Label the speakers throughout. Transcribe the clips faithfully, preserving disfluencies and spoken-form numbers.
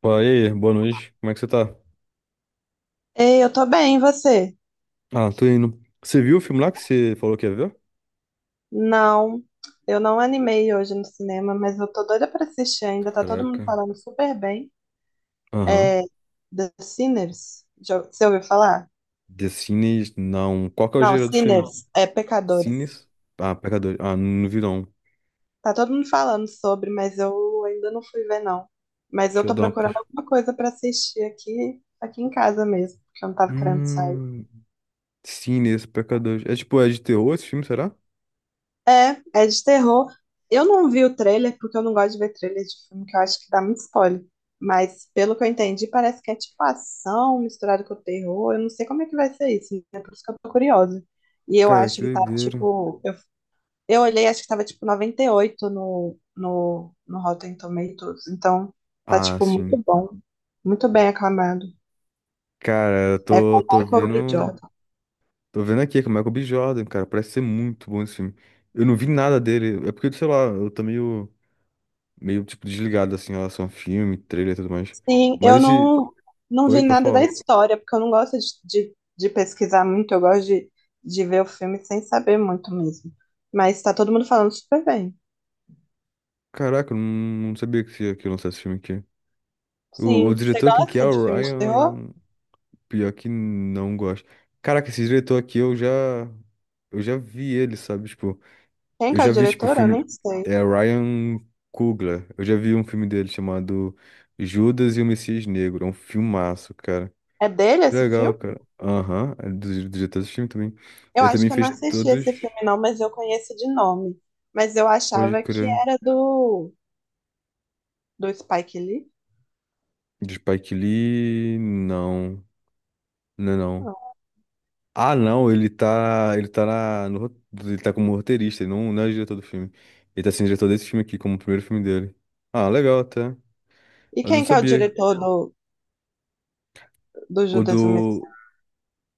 Speaker 1: Pô, e aí, boa noite. Como é que você tá?
Speaker 2: Ei, eu tô bem, e você?
Speaker 1: Ah, tô indo. Você viu o filme lá que você falou que ia ver?
Speaker 2: Não, eu não animei hoje no cinema, mas eu tô doida pra assistir ainda. Tá todo mundo
Speaker 1: Caraca.
Speaker 2: falando super bem.
Speaker 1: Aham.
Speaker 2: É The Sinners. Já, você ouviu falar?
Speaker 1: The Sinners, não. Qual que é o
Speaker 2: Não,
Speaker 1: gênero do filme?
Speaker 2: Sinners, é Pecadores.
Speaker 1: Sinners? Ah, Pecadores. Ah, não vi não.
Speaker 2: Tá todo mundo falando sobre, mas eu ainda não fui ver, não. Mas eu
Speaker 1: Deixa eu
Speaker 2: tô
Speaker 1: dar uma... pes-
Speaker 2: procurando alguma coisa pra assistir aqui, aqui em casa mesmo, porque eu não tava querendo sair.
Speaker 1: Hum... Sinners, Pecadores. É tipo, é de terror esse filme, será?
Speaker 2: É, é de terror. Eu não vi o trailer porque eu não gosto de ver trailer de filme, que eu acho que dá muito spoiler. Mas pelo que eu entendi, parece que é tipo ação misturada com terror. Eu não sei como é que vai ser isso, né? Por isso que eu tô curiosa. E eu
Speaker 1: Cara, que
Speaker 2: acho que tá
Speaker 1: doideira.
Speaker 2: tipo. Eu, eu olhei, acho que tava tipo noventa e oito no, no, no Rotten Tomatoes. Então tá
Speaker 1: Ah,
Speaker 2: tipo muito
Speaker 1: sim.
Speaker 2: bom, muito bem aclamado.
Speaker 1: Cara, eu
Speaker 2: É com
Speaker 1: tô,
Speaker 2: o
Speaker 1: tô
Speaker 2: Michael B.
Speaker 1: vendo. Tô vendo aqui, que é o Michael B. Jordan, cara. Parece ser muito bom esse filme. Eu não vi nada dele. É porque, sei lá, eu tô meio... meio, tipo, desligado, assim, em relação a filme, trailer e tudo mais.
Speaker 2: Sim,
Speaker 1: Mas
Speaker 2: eu
Speaker 1: esse.
Speaker 2: não, não
Speaker 1: Oi,
Speaker 2: vi
Speaker 1: pra
Speaker 2: nada da
Speaker 1: falar.
Speaker 2: história, porque eu não gosto de, de, de pesquisar muito, eu gosto de, de ver o filme sem saber muito mesmo. Mas tá todo mundo falando super bem.
Speaker 1: Caraca, eu não, não sabia que ia que ia lançar esse filme aqui. O, o
Speaker 2: Sim, você
Speaker 1: diretor, quem que é?
Speaker 2: gosta de
Speaker 1: O
Speaker 2: filme de terror?
Speaker 1: Ryan. Pior que não gosto. Caraca, esse diretor aqui, eu já. Eu já vi ele, sabe? Tipo,
Speaker 2: Quem
Speaker 1: eu
Speaker 2: que é
Speaker 1: já
Speaker 2: o
Speaker 1: vi, tipo, o
Speaker 2: diretor? Eu
Speaker 1: filme.
Speaker 2: nem sei.
Speaker 1: É Ryan Coogler. Eu já vi um filme dele chamado Judas e o Messias Negro. É um filmaço, cara.
Speaker 2: É dele
Speaker 1: Que
Speaker 2: esse
Speaker 1: legal,
Speaker 2: filme?
Speaker 1: cara. Aham, é do do diretor desse filme também.
Speaker 2: Eu
Speaker 1: Ele
Speaker 2: acho
Speaker 1: também
Speaker 2: que eu não
Speaker 1: fez
Speaker 2: assisti esse
Speaker 1: todos.
Speaker 2: filme não, mas eu conheço de nome. Mas eu
Speaker 1: Pode
Speaker 2: achava que
Speaker 1: crer.
Speaker 2: era do, do Spike Lee.
Speaker 1: De Spike Lee, não. Não, é não. Ah, não, ele tá, ele tá na, no ro- ele tá como roteirista, ele não, não é diretor do filme. Ele tá sendo diretor desse filme aqui, como o primeiro filme dele. Ah, legal até.
Speaker 2: E
Speaker 1: Eu não
Speaker 2: quem que é o
Speaker 1: sabia.
Speaker 2: diretor do, do
Speaker 1: O
Speaker 2: Judas e o
Speaker 1: do,
Speaker 2: Messias?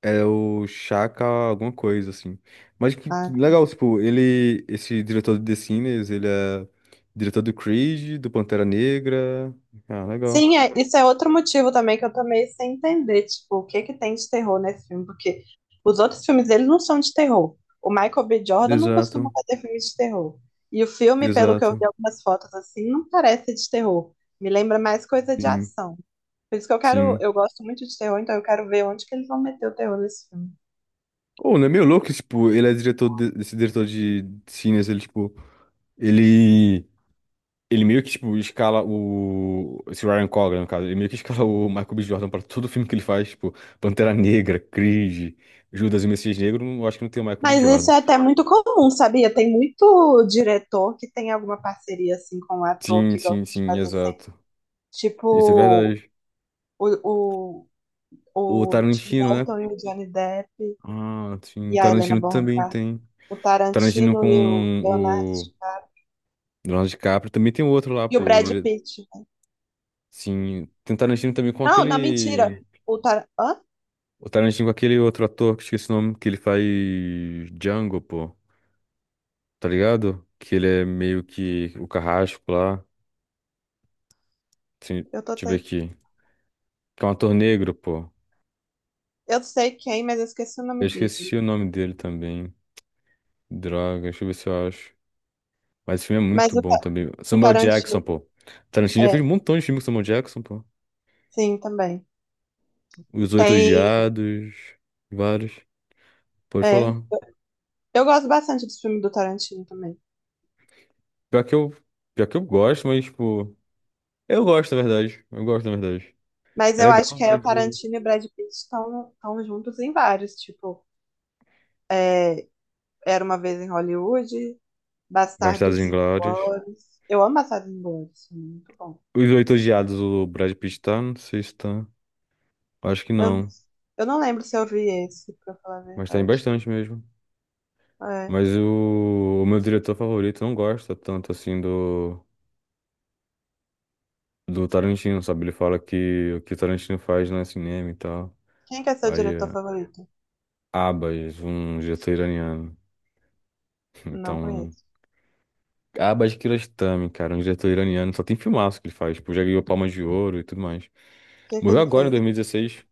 Speaker 1: é o Chaka alguma coisa, assim. Mas que, que legal, tipo, ele, esse diretor de The Sinners, ele é diretor do Creed, do Pantera Negra. Ah, legal.
Speaker 2: Sim, é, isso é outro motivo também que eu tô meio sem entender, tipo, o que que tem de terror nesse filme, porque os outros filmes eles não são de terror. O Michael B. Jordan não costuma
Speaker 1: Exato,
Speaker 2: fazer filmes de terror. E o filme, pelo que eu vi
Speaker 1: exato.
Speaker 2: algumas fotos assim, não parece de terror. Me lembra mais coisa de
Speaker 1: Sim,
Speaker 2: ação. Por isso que eu quero,
Speaker 1: sim.
Speaker 2: eu gosto muito de terror, então eu quero ver onde que eles vão meter o terror nesse filme.
Speaker 1: Ou não é meio louco, tipo, ele é diretor de- desse diretor de cines, ele, tipo, ele. Ele meio que, tipo, escala o. Esse Ryan Coogler, no caso, ele meio que escala o Michael B. Jordan pra todo filme que ele faz, tipo, Pantera Negra, Creed, Judas e o Messias Negro, eu acho que não tem o Michael B.
Speaker 2: Mas isso
Speaker 1: Jordan.
Speaker 2: é até muito comum, sabia? Tem muito diretor que tem alguma parceria assim com o ator
Speaker 1: Sim,
Speaker 2: que gosta
Speaker 1: sim,
Speaker 2: de
Speaker 1: sim,
Speaker 2: fazer sempre.
Speaker 1: exato. Isso é
Speaker 2: Tipo,
Speaker 1: verdade.
Speaker 2: o,
Speaker 1: O
Speaker 2: o Tim
Speaker 1: Tarantino, né?
Speaker 2: Burton e o Johnny Depp
Speaker 1: Ah, sim, o
Speaker 2: e a Helena
Speaker 1: Tarantino
Speaker 2: Bonham
Speaker 1: também
Speaker 2: Carter,
Speaker 1: tem.
Speaker 2: o
Speaker 1: Tarantino
Speaker 2: Tarantino
Speaker 1: com
Speaker 2: e o Leonardo
Speaker 1: o
Speaker 2: DiCaprio
Speaker 1: Leonardo DiCaprio, também tem outro lá,
Speaker 2: e o
Speaker 1: pô. o
Speaker 2: Brad
Speaker 1: dire-
Speaker 2: Pitt.
Speaker 1: Sim, tem Tarantino também com
Speaker 2: Não, não, mentira.
Speaker 1: aquele.
Speaker 2: O Tar... Hã?
Speaker 1: O Tarantino com aquele outro ator que eu esqueci o nome, que ele faz Django, pô. Tá ligado? Que ele é meio que o carrasco lá. Assim,
Speaker 2: Eu tô
Speaker 1: deixa eu ver
Speaker 2: te-
Speaker 1: aqui. Que é um ator negro, pô.
Speaker 2: eu sei quem, mas eu esqueci o
Speaker 1: Eu
Speaker 2: nome
Speaker 1: esqueci
Speaker 2: dele.
Speaker 1: o nome dele também. Droga, deixa eu ver se eu acho. Mas esse filme é
Speaker 2: Mas
Speaker 1: muito
Speaker 2: o,
Speaker 1: bom
Speaker 2: Ta-
Speaker 1: também.
Speaker 2: o
Speaker 1: Samuel
Speaker 2: Tarantino,
Speaker 1: Jackson, pô. Tarantino já fez
Speaker 2: é,
Speaker 1: um montão de filme com Samuel Jackson, pô.
Speaker 2: sim, também.
Speaker 1: Os Oito
Speaker 2: Tem,
Speaker 1: Odiados, vários. Pode
Speaker 2: é.
Speaker 1: falar.
Speaker 2: Eu gosto bastante dos filmes do Tarantino também.
Speaker 1: Pior que eu, pior que eu gosto, mas, tipo. Eu gosto, na verdade. Eu gosto, na verdade.
Speaker 2: Mas
Speaker 1: É
Speaker 2: eu acho
Speaker 1: legal,
Speaker 2: que é o
Speaker 1: mas.
Speaker 2: Tarantino e o Brad Pitt estão estão juntos em vários, tipo, é, Era uma vez em Hollywood,
Speaker 1: Bastardos
Speaker 2: Bastardos
Speaker 1: Inglórios.
Speaker 2: Inglórios. Eu amo Bastardos Inglórios, muito bom.
Speaker 1: Os Oito Odiados, o Brad Pitt tá? Não sei se tá. Acho que
Speaker 2: Eu, não-
Speaker 1: não.
Speaker 2: eu não lembro se eu vi esse, pra falar a
Speaker 1: Mas tá em
Speaker 2: verdade.
Speaker 1: bastante mesmo.
Speaker 2: É.
Speaker 1: Mas o, o meu diretor favorito não gosta tanto assim do, do Tarantino, sabe? Ele fala que o que o Tarantino faz não é cinema e tal.
Speaker 2: Quem que é seu
Speaker 1: Aí,
Speaker 2: diretor
Speaker 1: é
Speaker 2: favorito?
Speaker 1: Abbas, um diretor iraniano.
Speaker 2: Não
Speaker 1: Então,
Speaker 2: conheço.
Speaker 1: Abbas Kiarostami, cara, um diretor iraniano. Só tem filmaço que ele faz. Tipo, já ganhou Palma de Ouro e tudo mais.
Speaker 2: O que é que
Speaker 1: Morreu
Speaker 2: ele
Speaker 1: agora em
Speaker 2: fez?
Speaker 1: dois mil e dezesseis.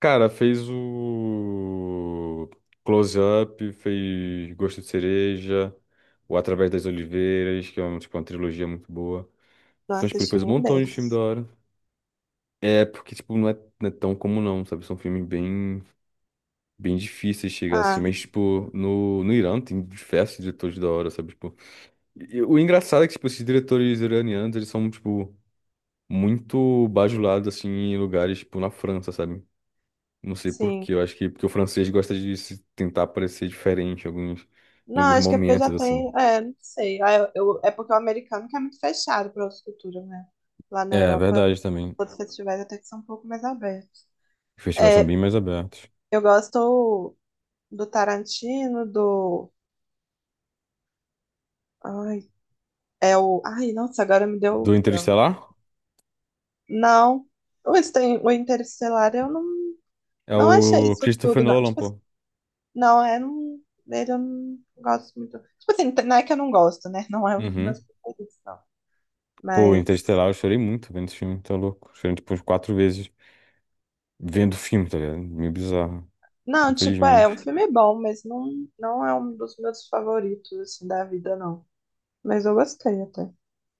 Speaker 1: Cara, fez o Close Up, fez Gosto de Cereja, o Através das Oliveiras, que é um, tipo, uma trilogia muito boa.
Speaker 2: Não
Speaker 1: Então, tipo, ele
Speaker 2: assisti
Speaker 1: fez um
Speaker 2: nenhum
Speaker 1: montão de filme da
Speaker 2: deles.
Speaker 1: hora. É, porque, tipo, não é, não é tão comum não, sabe? São filmes bem, bem difíceis de chegar assim.
Speaker 2: Ah,
Speaker 1: Mas, tipo, no, no Irã tem diversos diretores da hora, sabe? Tipo, e o engraçado é que, tipo, esses diretores iranianos, eles são, tipo, muito bajulados, assim, em lugares, tipo, na França, sabe? Não sei por
Speaker 2: sim.
Speaker 1: quê. Eu acho que porque o francês gosta de se tentar parecer diferente em alguns, em
Speaker 2: Não,
Speaker 1: alguns
Speaker 2: acho que é porque eu já
Speaker 1: momentos, assim.
Speaker 2: tenho. É, não sei. Ah, eu, eu- é porque o americano que é muito fechado para outras culturas, né? Lá
Speaker 1: É,
Speaker 2: na
Speaker 1: é
Speaker 2: Europa,
Speaker 1: verdade também.
Speaker 2: outros festivais até que são um pouco mais abertos.
Speaker 1: Os festivais são
Speaker 2: É,
Speaker 1: bem mais abertos.
Speaker 2: eu gosto do Tarantino, do. Ai, é o. Ai, nossa, agora me deu
Speaker 1: Do
Speaker 2: o branco.
Speaker 1: Interestelar?
Speaker 2: Não. O, Inter- o Interestelar eu não,
Speaker 1: É
Speaker 2: não achei
Speaker 1: o
Speaker 2: isso
Speaker 1: Christopher
Speaker 2: tudo, não.
Speaker 1: Nolan,
Speaker 2: Tipo assim,
Speaker 1: pô.
Speaker 2: não, é. Não, dele eu não gosto muito. Tipo assim, não é que eu não gosto, né? Não é um dos meus
Speaker 1: Uhum.
Speaker 2: favoritos, não.
Speaker 1: Pô,
Speaker 2: Mas.
Speaker 1: Interestelar, eu chorei muito vendo esse filme, tá louco? Chorei tipo umas quatro vezes vendo o filme, tá ligado? Meio bizarro,
Speaker 2: Não, tipo, é, é um
Speaker 1: infelizmente.
Speaker 2: filme é bom, mas não, não é um dos meus favoritos, assim, da vida, não. Mas eu gostei até.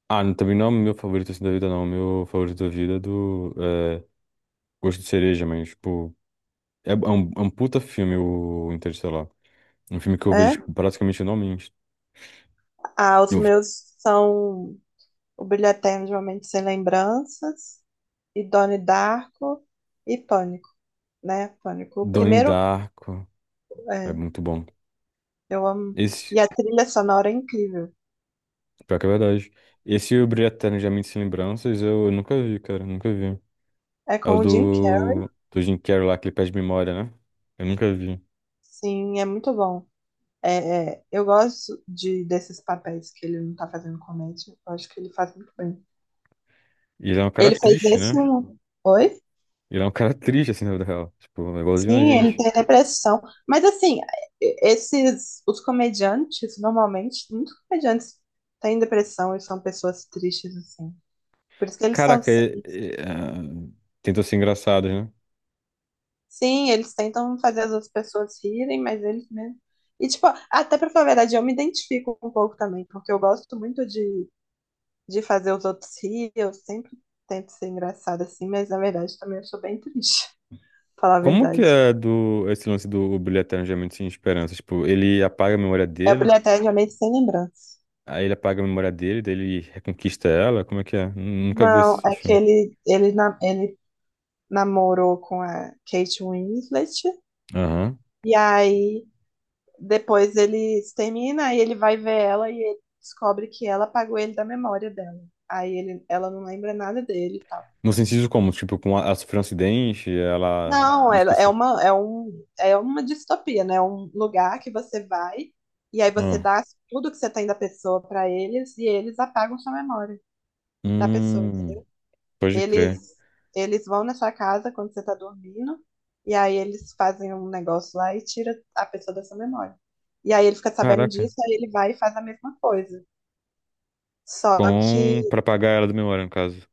Speaker 1: Ah, não- também não é o meu favorito assim da vida, não. O meu favorito da vida é do é, Gosto de Cereja, mas, tipo, é, é um, é um puta filme o Interestelar. Um filme que eu
Speaker 2: É?
Speaker 1: vejo tipo, praticamente anualmente.
Speaker 2: Ah, os
Speaker 1: O
Speaker 2: meus são O Brilho Eterno de Uma Mente Sem Lembranças, e Donnie Darko e Pânico. né? Pânico. O
Speaker 1: Donnie
Speaker 2: primeiro,
Speaker 1: Darko. É
Speaker 2: é,
Speaker 1: muito bom.
Speaker 2: eu amo. E
Speaker 1: Esse,
Speaker 2: a trilha sonora é incrível.
Speaker 1: pior que é verdade. Esse e o Brilho Eterno de Uma Mente Sem Lembranças eu, nunca vi, cara. Nunca vi.
Speaker 2: É
Speaker 1: É
Speaker 2: com
Speaker 1: o
Speaker 2: o Jim Carrey,
Speaker 1: do, do Jim Carrey lá, que ele perde memória, né? Eu nunca vi.
Speaker 2: sim, é muito bom. É, é, eu gosto de, desses papéis que ele não tá fazendo comédia. Eu acho que ele faz muito bem.
Speaker 1: E ele é um cara
Speaker 2: Ele fez
Speaker 1: triste,
Speaker 2: esse
Speaker 1: né?
Speaker 2: um. Oi?
Speaker 1: Ele é um cara triste, assim, na vida real. Tipo, é igualzinho a
Speaker 2: Sim, ele
Speaker 1: gente.
Speaker 2: tem depressão. Mas assim, esses os comediantes, normalmente, muitos comediantes têm depressão e são pessoas tristes, assim. Por isso que eles são
Speaker 1: Caraca, é, é, ah, tentam ser engraçados, né?
Speaker 2: Sim, eles tentam fazer as outras pessoas rirem, mas eles mesmo. E, tipo, até pra falar a verdade, eu me identifico um pouco também, porque eu gosto muito de, de, fazer os outros rir, eu sempre tento ser engraçada assim, mas na verdade também eu sou bem triste, pra falar a
Speaker 1: Como que
Speaker 2: verdade.
Speaker 1: é do, esse lance do Brilho Eterno de Uma Mente Sem Esperança? Tipo, ele apaga a memória
Speaker 2: É
Speaker 1: dele.
Speaker 2: obrigatoriamente sem lembrança.
Speaker 1: Aí ele apaga a memória dele, daí ele reconquista ela. Como é que é? Nun- Nunca vi
Speaker 2: Não,
Speaker 1: esse
Speaker 2: é que
Speaker 1: filme.
Speaker 2: ele, ele, na- ele namorou com a Kate Winslet,
Speaker 1: Aham.
Speaker 2: e aí depois eles terminam e ele vai ver ela e ele descobre que ela apagou ele da memória dela. Aí ele, ela não lembra nada dele e tal.
Speaker 1: No sentido como? Tipo, com a, ela sofreu um acidente, ela
Speaker 2: Não, ela- é
Speaker 1: esqueceu.
Speaker 2: uma, é um, é uma distopia, né? É um lugar que você vai e aí você
Speaker 1: Ah.
Speaker 2: dá tudo que você tem da pessoa pra eles e eles apagam sua memória da pessoa.
Speaker 1: Hum, pode
Speaker 2: Eles,
Speaker 1: crer.
Speaker 2: eles vão na sua casa quando você tá dormindo e aí eles fazem um negócio lá e tira a pessoa da sua memória. E aí ele fica sabendo
Speaker 1: Caraca.
Speaker 2: disso, aí ele vai e faz a mesma coisa. Só que,
Speaker 1: Com... Pra apagar ela da memória, no caso.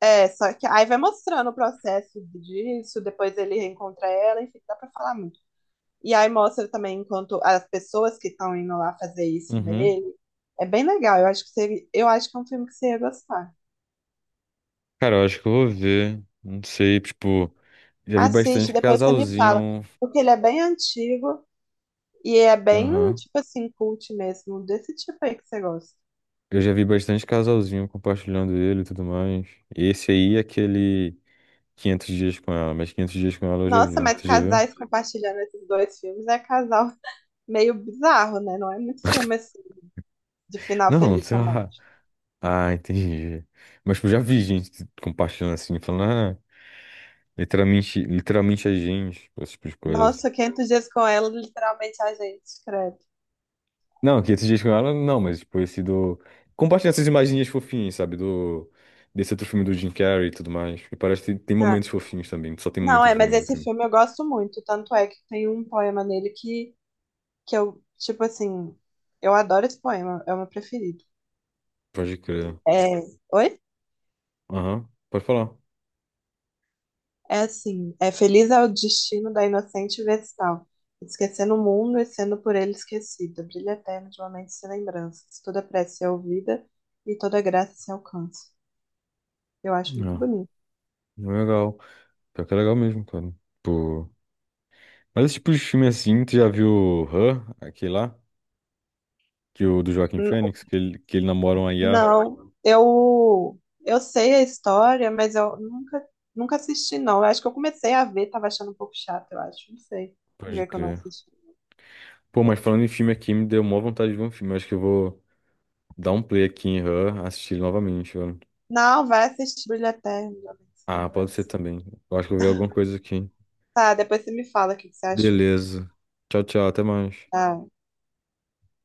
Speaker 2: é, só que aí vai mostrando o processo disso, depois ele reencontra ela, enfim, dá pra falar muito. E aí mostra também enquanto as pessoas que estão indo lá fazer isso
Speaker 1: Uhum.
Speaker 2: nele. É bem legal, eu acho que você, eu acho que é um filme que você ia gostar.
Speaker 1: Cara, eu acho que eu vou ver. Não sei, tipo. Já vi
Speaker 2: Assiste,
Speaker 1: bastante
Speaker 2: depois você me fala,
Speaker 1: casalzinho.
Speaker 2: porque ele é bem antigo e é bem,
Speaker 1: Aham.
Speaker 2: tipo assim, cult mesmo, desse tipo aí que você gosta.
Speaker 1: Eu já vi bastante casalzinho compartilhando ele e tudo mais. Esse aí é aquele quinhentos dias com ela, mas quinhentos dias com ela eu já
Speaker 2: Nossa,
Speaker 1: vi.
Speaker 2: mas
Speaker 1: Você já viu?
Speaker 2: casais compartilhando esses dois filmes é casal meio bizarro, né? Não é muito filme assim, de final
Speaker 1: Não,
Speaker 2: feliz
Speaker 1: sei lá.
Speaker 2: romântico.
Speaker 1: Ah, entendi. Mas tipo, já vi gente compartilhando assim, falando, ah, literalmente, literalmente a gente, tipo, esse tipo de coisa.
Speaker 2: Nossa, quinhentos dias com ela, literalmente a gente escreve.
Speaker 1: Não, que esses dias com ela, não, mas tipo, esse do. Compartilhando essas imaginhas fofinhas, sabe? Do. Desse outro filme do Jim Carrey e tudo mais. E parece que tem
Speaker 2: Ah,
Speaker 1: momentos fofinhos também, só tem
Speaker 2: não,
Speaker 1: momentos
Speaker 2: é, mas
Speaker 1: ruins no
Speaker 2: esse
Speaker 1: filme.
Speaker 2: filme eu gosto muito. Tanto é que tem um poema nele que, que eu, tipo assim, eu adoro esse poema, é o meu preferido.
Speaker 1: Pode crer.
Speaker 2: É, oi?
Speaker 1: Aham, pode falar.
Speaker 2: É assim, é feliz é o destino da inocente vestal, esquecendo o mundo e sendo por ele esquecida, brilho eterno de uma mente sem lembranças, toda prece é ouvida e toda graça se alcança. Eu acho muito
Speaker 1: Não,
Speaker 2: bonito.
Speaker 1: não é legal. Pior que é legal mesmo, cara. Pô. Mas esse tipo de filme assim, tu já viu Her, aquele lá? Que o do Joaquim Fênix, que ele, que ele, namora uma i a.
Speaker 2: Não, eu eu sei a história, mas eu nunca nunca assisti não. Eu acho que eu comecei a ver, tava achando um pouco chato, eu acho. Não sei por
Speaker 1: Pode
Speaker 2: que que eu não
Speaker 1: crer.
Speaker 2: assisti.
Speaker 1: Pô, mas falando em filme aqui, me deu maior vontade de ver um filme. Eu acho que eu vou dar um play aqui em Her, assistir ele novamente, velho.
Speaker 2: Não, vai assistir Brilho Eterno, Jovem Sem
Speaker 1: Ah, pode ser também. Eu acho que eu vi alguma coisa aqui.
Speaker 2: Tá, depois você me fala o que que você achou.
Speaker 1: Beleza. Tchau, tchau. Até mais.
Speaker 2: Tá.